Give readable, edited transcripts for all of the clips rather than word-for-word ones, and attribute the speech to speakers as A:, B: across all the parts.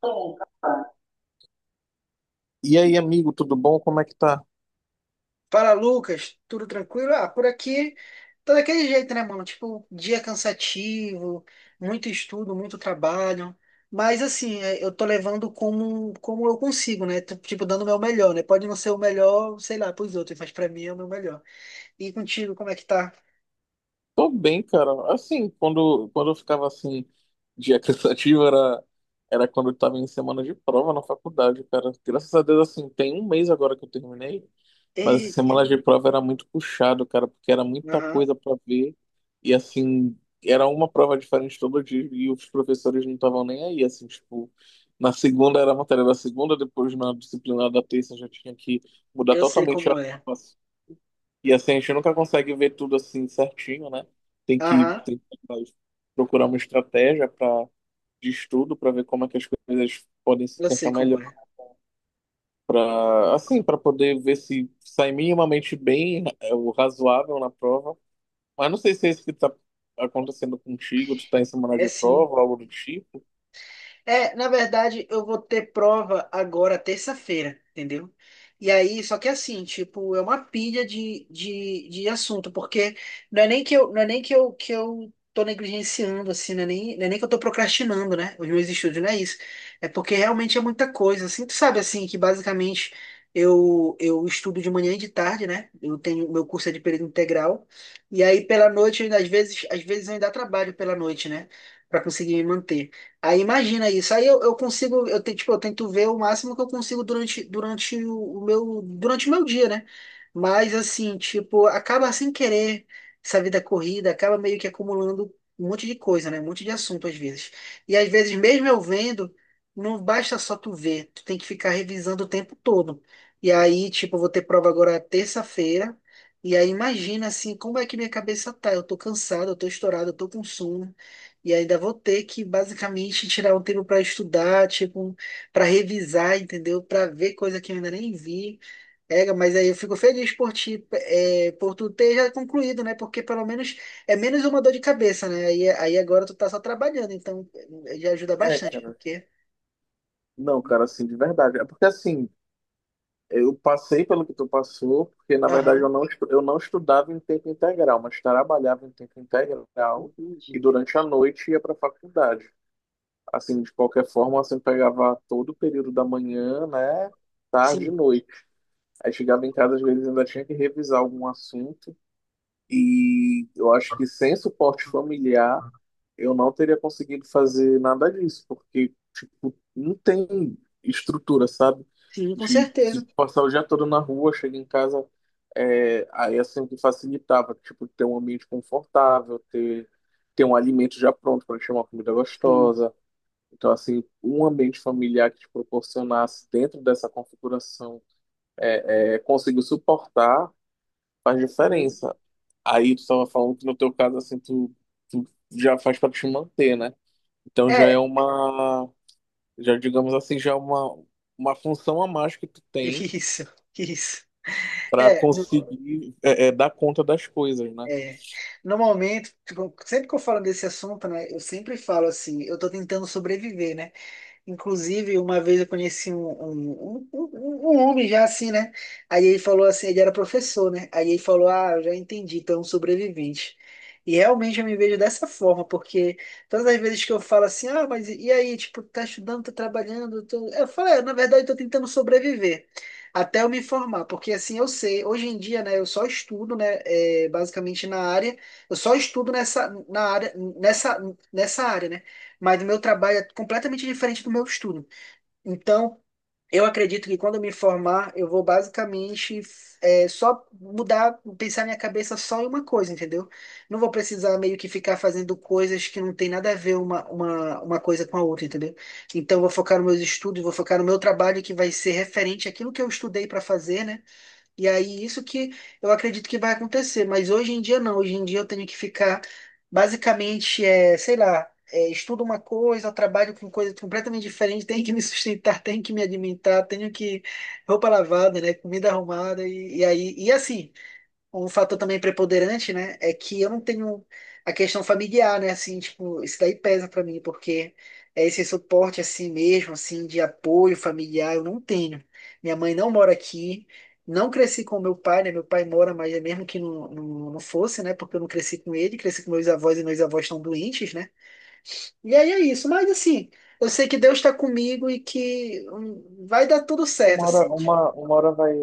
A: Bom,
B: E aí, amigo, tudo bom? Como é que tá?
A: fala, Lucas, tudo tranquilo? Ah, por aqui tá daquele jeito, né, mano? Tipo, dia cansativo, muito estudo, muito trabalho. Mas assim, eu tô levando como eu consigo, né? Tô, tipo, dando o meu melhor, né? Pode não ser o melhor, sei lá, pros outros, mas pra mim é o meu melhor. E contigo, como é que tá?
B: Tô bem, cara. Assim, quando eu ficava assim, dia cansativo, era quando eu tava em semana de prova na faculdade, cara. Graças a Deus, assim, tem um mês agora que eu terminei. Mas essa
A: Eita,
B: semana
A: que
B: de
A: bom.
B: prova era muito puxado, cara, porque era muita
A: Aham,
B: coisa para ver. E assim, era uma prova diferente todo dia e os professores não estavam nem aí, assim, tipo, na segunda era a matéria da segunda, depois na disciplina da terça já tinha que mudar
A: eu sei
B: totalmente a.
A: como é.
B: E assim, a gente nunca consegue ver tudo assim certinho, né? Tem que,
A: Aham,
B: tem que procurar uma estratégia de estudo para ver como é que as coisas podem se
A: eu sei
B: encaixar
A: como
B: melhor
A: é.
B: para assim, para poder ver se sai minimamente bem, é o razoável na prova. Mas não sei se é isso que tá acontecendo contigo, tu tá em semana
A: É
B: de
A: sim.
B: prova, algo do tipo.
A: É, na verdade, eu vou ter prova agora terça-feira, entendeu? E aí, só que assim, tipo, é uma pilha de assunto, porque não é nem que eu, não é nem que eu, que eu tô negligenciando, assim, não é nem que eu tô procrastinando, né? Os meus estudos, não é isso. É porque realmente é muita coisa, assim, tu sabe, assim, que basicamente eu estudo de manhã e de tarde, né? Eu tenho, meu curso é de período integral, e aí pela noite, às vezes eu ainda trabalho pela noite, né? Pra conseguir me manter. Aí imagina isso. Aí eu consigo, eu, te- tipo, eu tento ver o máximo que eu consigo durante o meu, durante o meu dia, né? Mas assim, tipo, acaba sem querer essa vida corrida, acaba meio que acumulando um monte de coisa, né? Um monte de assunto às vezes. E às vezes, mesmo eu vendo, não basta só tu ver, tu tem que ficar revisando o tempo todo. E aí, tipo, eu vou ter prova agora terça-feira. E aí imagina assim, como é que minha cabeça tá? Eu tô cansado, eu tô estourado, eu tô com sono. E ainda vou ter que basicamente tirar um tempo para estudar, tipo, para revisar, entendeu? Para ver coisa que eu ainda nem vi. É, mas aí eu fico feliz por ti, é, por tu ter já concluído, né? Porque pelo menos é menos uma dor de cabeça, né? Aí agora tu tá só trabalhando, então já ajuda
B: É,
A: bastante,
B: cara.
A: porque.
B: Não, cara, assim, de verdade. É porque assim, eu passei pelo que tu passou, porque na verdade eu
A: Aham,
B: não, estu- eu não estudava em tempo integral, mas trabalhava em tempo integral e
A: entendi.
B: durante a noite ia pra faculdade. Assim, de qualquer forma, assim, pegava todo o período da manhã, né? Tarde e
A: Sim,
B: noite. Aí chegava em casa, às vezes ainda tinha que revisar algum assunto. E eu acho que sem suporte familiar, eu não teria conseguido fazer nada disso, porque, tipo, não tem estrutura, sabe?
A: sim, com
B: De,
A: certeza.
B: de passar o dia todo na rua, chega em casa, aí assim que facilitava, tipo, ter um ambiente confortável, ter um alimento já pronto para chamar uma comida
A: Sim.
B: gostosa. Então, assim, um ambiente familiar que te proporcionasse dentro dessa configuração, conseguiu suportar faz
A: Uhum.
B: diferença. Aí tu estava falando que no teu caso, assim, tu já faz para te manter, né? Então já
A: É,
B: é uma, já digamos assim, já é uma função a mais que tu tem
A: isso, isso.
B: para
A: É, não-
B: conseguir dar conta das coisas, né?
A: É, no tipo, sempre que eu falo desse assunto, né, eu sempre falo assim, eu tô tentando sobreviver, né? Inclusive, uma vez eu conheci um homem já assim, né? Aí ele falou assim, ele era professor, né? Aí ele falou, ah, eu já entendi, então é um sobrevivente. E realmente eu me vejo dessa forma, porque todas as vezes que eu falo assim, ah, mas e aí, tipo, tá estudando, tá trabalhando, tô... eu falo, é, na verdade, eu tô tentando sobreviver. Até eu me formar, porque assim eu sei, hoje em dia, né, eu só estudo, né, é, basicamente na área, eu só estudo nessa área, né? Mas o meu trabalho é completamente diferente do meu estudo. Então, eu acredito que quando eu me formar, eu vou basicamente só mudar, pensar minha cabeça só em uma coisa, entendeu? Não vou precisar meio que ficar fazendo coisas que não tem nada a ver uma coisa com a outra, entendeu? Então, eu vou focar nos meus estudos, vou focar no meu trabalho que vai ser referente àquilo que eu estudei para fazer, né? E aí, isso que eu acredito que vai acontecer, mas hoje em dia não, hoje em dia eu tenho que ficar, basicamente, sei lá, estudo uma coisa, trabalho com coisa completamente diferente, tenho que me sustentar, tenho que me alimentar, tenho que roupa lavada, né, comida arrumada, e aí, e assim, um fator também preponderante, né, é que eu não tenho a questão familiar, né, assim, tipo, isso daí pesa pra mim, porque é esse suporte assim mesmo, assim, de apoio familiar, eu não tenho. Minha mãe não mora aqui, não cresci com meu pai, né, meu pai mora, mas é mesmo que não, não fosse, né, porque eu não cresci com ele, cresci com meus avós e meus avós estão doentes, né, e aí é isso, mas assim, eu sei que Deus está comigo e que vai dar tudo certo,
B: Uma hora,
A: assim.
B: uma hora vai,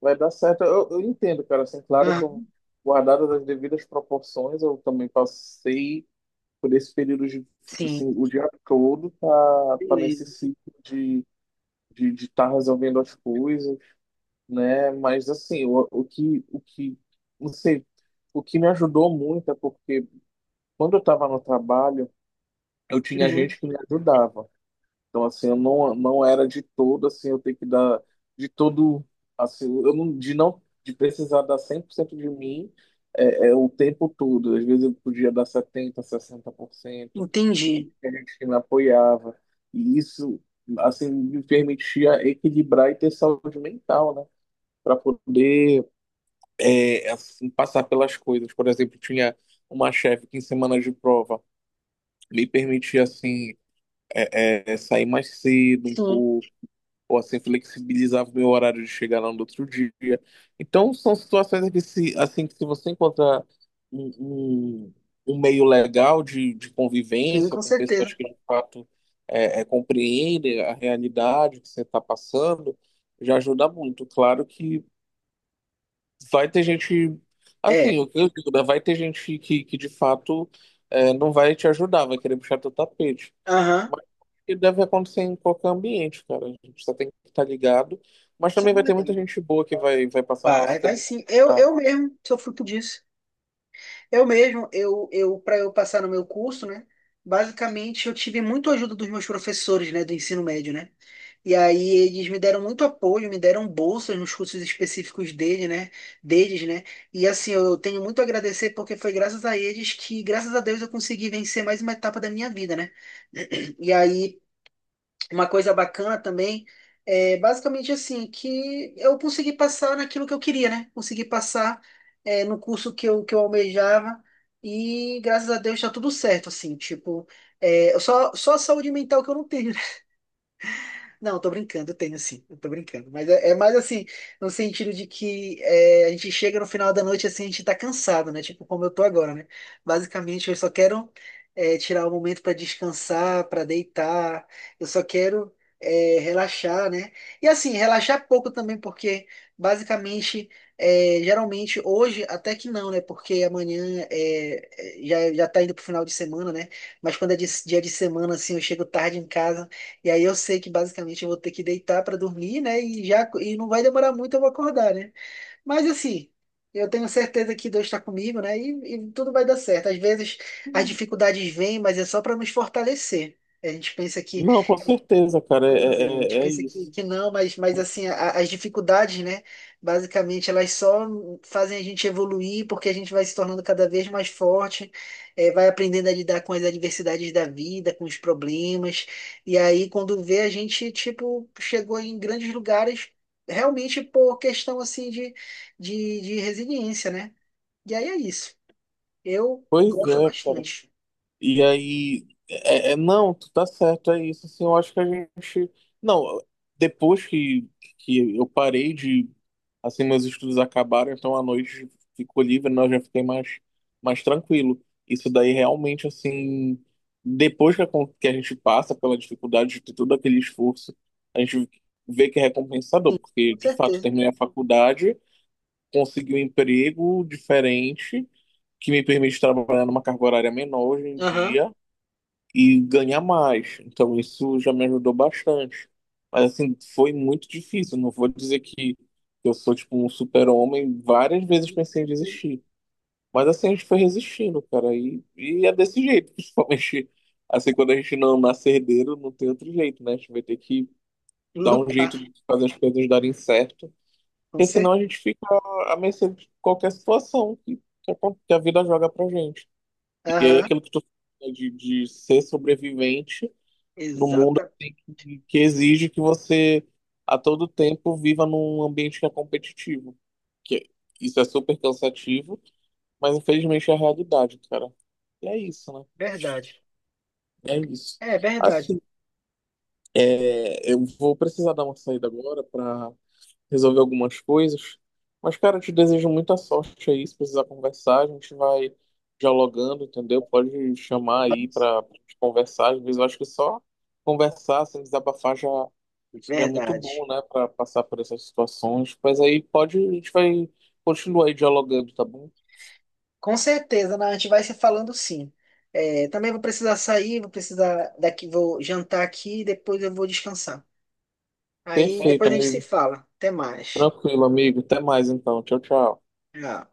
B: vai dar certo. Eu entendo, cara, assim, claro que eu,
A: Aham,
B: guardadas as devidas proporções, eu também passei por esse período de,
A: sim,
B: assim, o dia todo tá nesse
A: beleza.
B: ciclo de de estar resolvendo as coisas, né? Mas assim, o que, não sei, o que me ajudou muito é porque quando eu estava no trabalho, eu tinha
A: Uhum,
B: gente que me ajudava. Então assim, eu não era de todo assim, eu tenho que dar de todo assim, eu não de precisar dar 100% de mim é o tempo todo. Às vezes eu podia dar 70 60%.
A: entendi.
B: Tinha gente que me apoiava. E isso assim me permitia equilibrar e ter saúde mental, né? Para poder assim, passar pelas coisas. Por exemplo, tinha uma chefe que em semana de prova me permitia assim sair mais cedo um
A: Sim.
B: pouco, ou assim flexibilizava o meu horário de chegar lá no outro dia. Então são situações que se assim que se você encontrar um, um, um meio legal de
A: Sim,
B: convivência
A: com
B: com
A: certeza.
B: pessoas que de fato compreendem a realidade que você está passando, já ajuda muito. Claro que vai ter gente.
A: É,
B: Assim, o que eu digo, né? Vai ter gente que de fato não vai te ajudar, vai querer puxar teu tapete.
A: aham.
B: Mas isso deve acontecer em qualquer ambiente, cara. A gente só tem que estar ligado. Mas
A: Isso é
B: também vai ter muita
A: verdade.
B: gente boa que vai passar no
A: Vai,
B: nosso
A: vai
B: caminho.
A: sim. Eu,
B: Tá?
A: eu mesmo sou fruto disso. Eu mesmo, para eu passar no meu curso, né? Basicamente, eu tive muito ajuda dos meus professores, né, do ensino médio, né? E aí eles me deram muito apoio, me deram bolsas nos cursos específicos dele, né? Deles, né? E assim, eu tenho muito a agradecer porque foi graças a eles que, graças a Deus, eu consegui vencer mais uma etapa da minha vida, né? E aí, uma coisa bacana também é basicamente assim, que eu consegui passar naquilo que eu queria, né? Consegui passar no curso que eu almejava e graças a Deus tá tudo certo, assim, tipo, é, só a saúde mental que eu não tenho, não, eu tô brincando, eu tenho sim, eu tô brincando. Mas é mais assim, no sentido de que é, a gente chega no final da noite assim, a gente tá cansado, né? Tipo como eu tô agora, né? Basicamente, eu só quero tirar um momento pra descansar, pra deitar, eu só quero relaxar, né? E assim, relaxar pouco também, porque basicamente, geralmente, hoje até que não, né? Porque amanhã já, já tá indo pro final de semana, né? Mas quando é dia de semana, assim, eu chego tarde em casa. E aí eu sei que basicamente eu vou ter que deitar para dormir, né? E já e não vai demorar muito eu vou acordar, né? Mas assim, eu tenho certeza que Deus está comigo, né? E tudo vai dar certo. Às vezes as dificuldades vêm, mas é só para nos fortalecer. A gente pensa que
B: Não, com certeza, cara.
A: pois
B: É,
A: é, a
B: é,
A: gente
B: é
A: pensa
B: isso.
A: que não, mas
B: Mas-
A: assim, as dificuldades, né, basicamente, elas só fazem a gente evoluir porque a gente vai se tornando cada vez mais forte, vai aprendendo a lidar com as adversidades da vida, com os problemas, e aí quando vê, a gente, tipo, chegou em grandes lugares realmente por questão, assim, de resiliência, né? E aí é isso. Eu
B: Pois
A: gosto
B: é, cara.
A: bastante,
B: E aí, não, tu tá certo, é isso. Assim, eu acho que a gente. Não, depois que eu parei de. Assim, meus estudos acabaram, então à noite ficou livre, né, eu já fiquei mais tranquilo. Isso daí realmente, assim. Depois que que a gente passa pela dificuldade de ter todo aquele esforço, a gente vê que é recompensador,
A: sim,
B: porque
A: com
B: de fato
A: certeza.
B: terminei a faculdade, consegui um emprego diferente, que me permite trabalhar numa carga horária menor hoje em
A: Aham.
B: dia e ganhar mais. Então isso já me ajudou bastante. Mas assim, foi muito difícil. Não vou dizer que eu sou tipo um super-homem. Várias vezes pensei em desistir. Mas assim, a gente foi resistindo, cara. E é desse jeito, principalmente assim, quando a gente não nasce herdeiro, não tem outro jeito, né? A gente vai ter que dar um
A: Lutar,
B: jeito de fazer as coisas darem certo.
A: com
B: Porque senão
A: certeza.
B: a gente fica à mercê de qualquer situação que, que a que a vida joga pra gente. E aí
A: Aham.
B: aquilo que tu fala de ser sobrevivente no mundo
A: Exata
B: que exige que você a todo tempo viva num ambiente que é competitivo. Que isso é super cansativo, mas infelizmente é a realidade, cara. E é isso, né?
A: verdade.
B: É isso.
A: É verdade.
B: Assim, eu vou precisar dar uma saída agora para resolver algumas coisas. Mas, cara, eu te desejo muita sorte aí. Se precisar conversar, a gente vai dialogando, entendeu? Pode chamar aí
A: Vamos?
B: para conversar. Às vezes eu acho que só conversar, sem desabafar, já. E é muito bom,
A: Verdade.
B: né, para passar por essas situações. Mas aí pode, a gente vai continuar aí dialogando, tá bom?
A: Com certeza, né? A gente vai se falando sim. É, também vou precisar sair, vou precisar daqui, vou jantar aqui e depois eu vou descansar. Aí
B: Perfeito,
A: depois a gente perfeito.
B: amigo.
A: Se fala. Até mais.
B: Tranquilo, amigo. Até mais então. Tchau, tchau.
A: Tchau.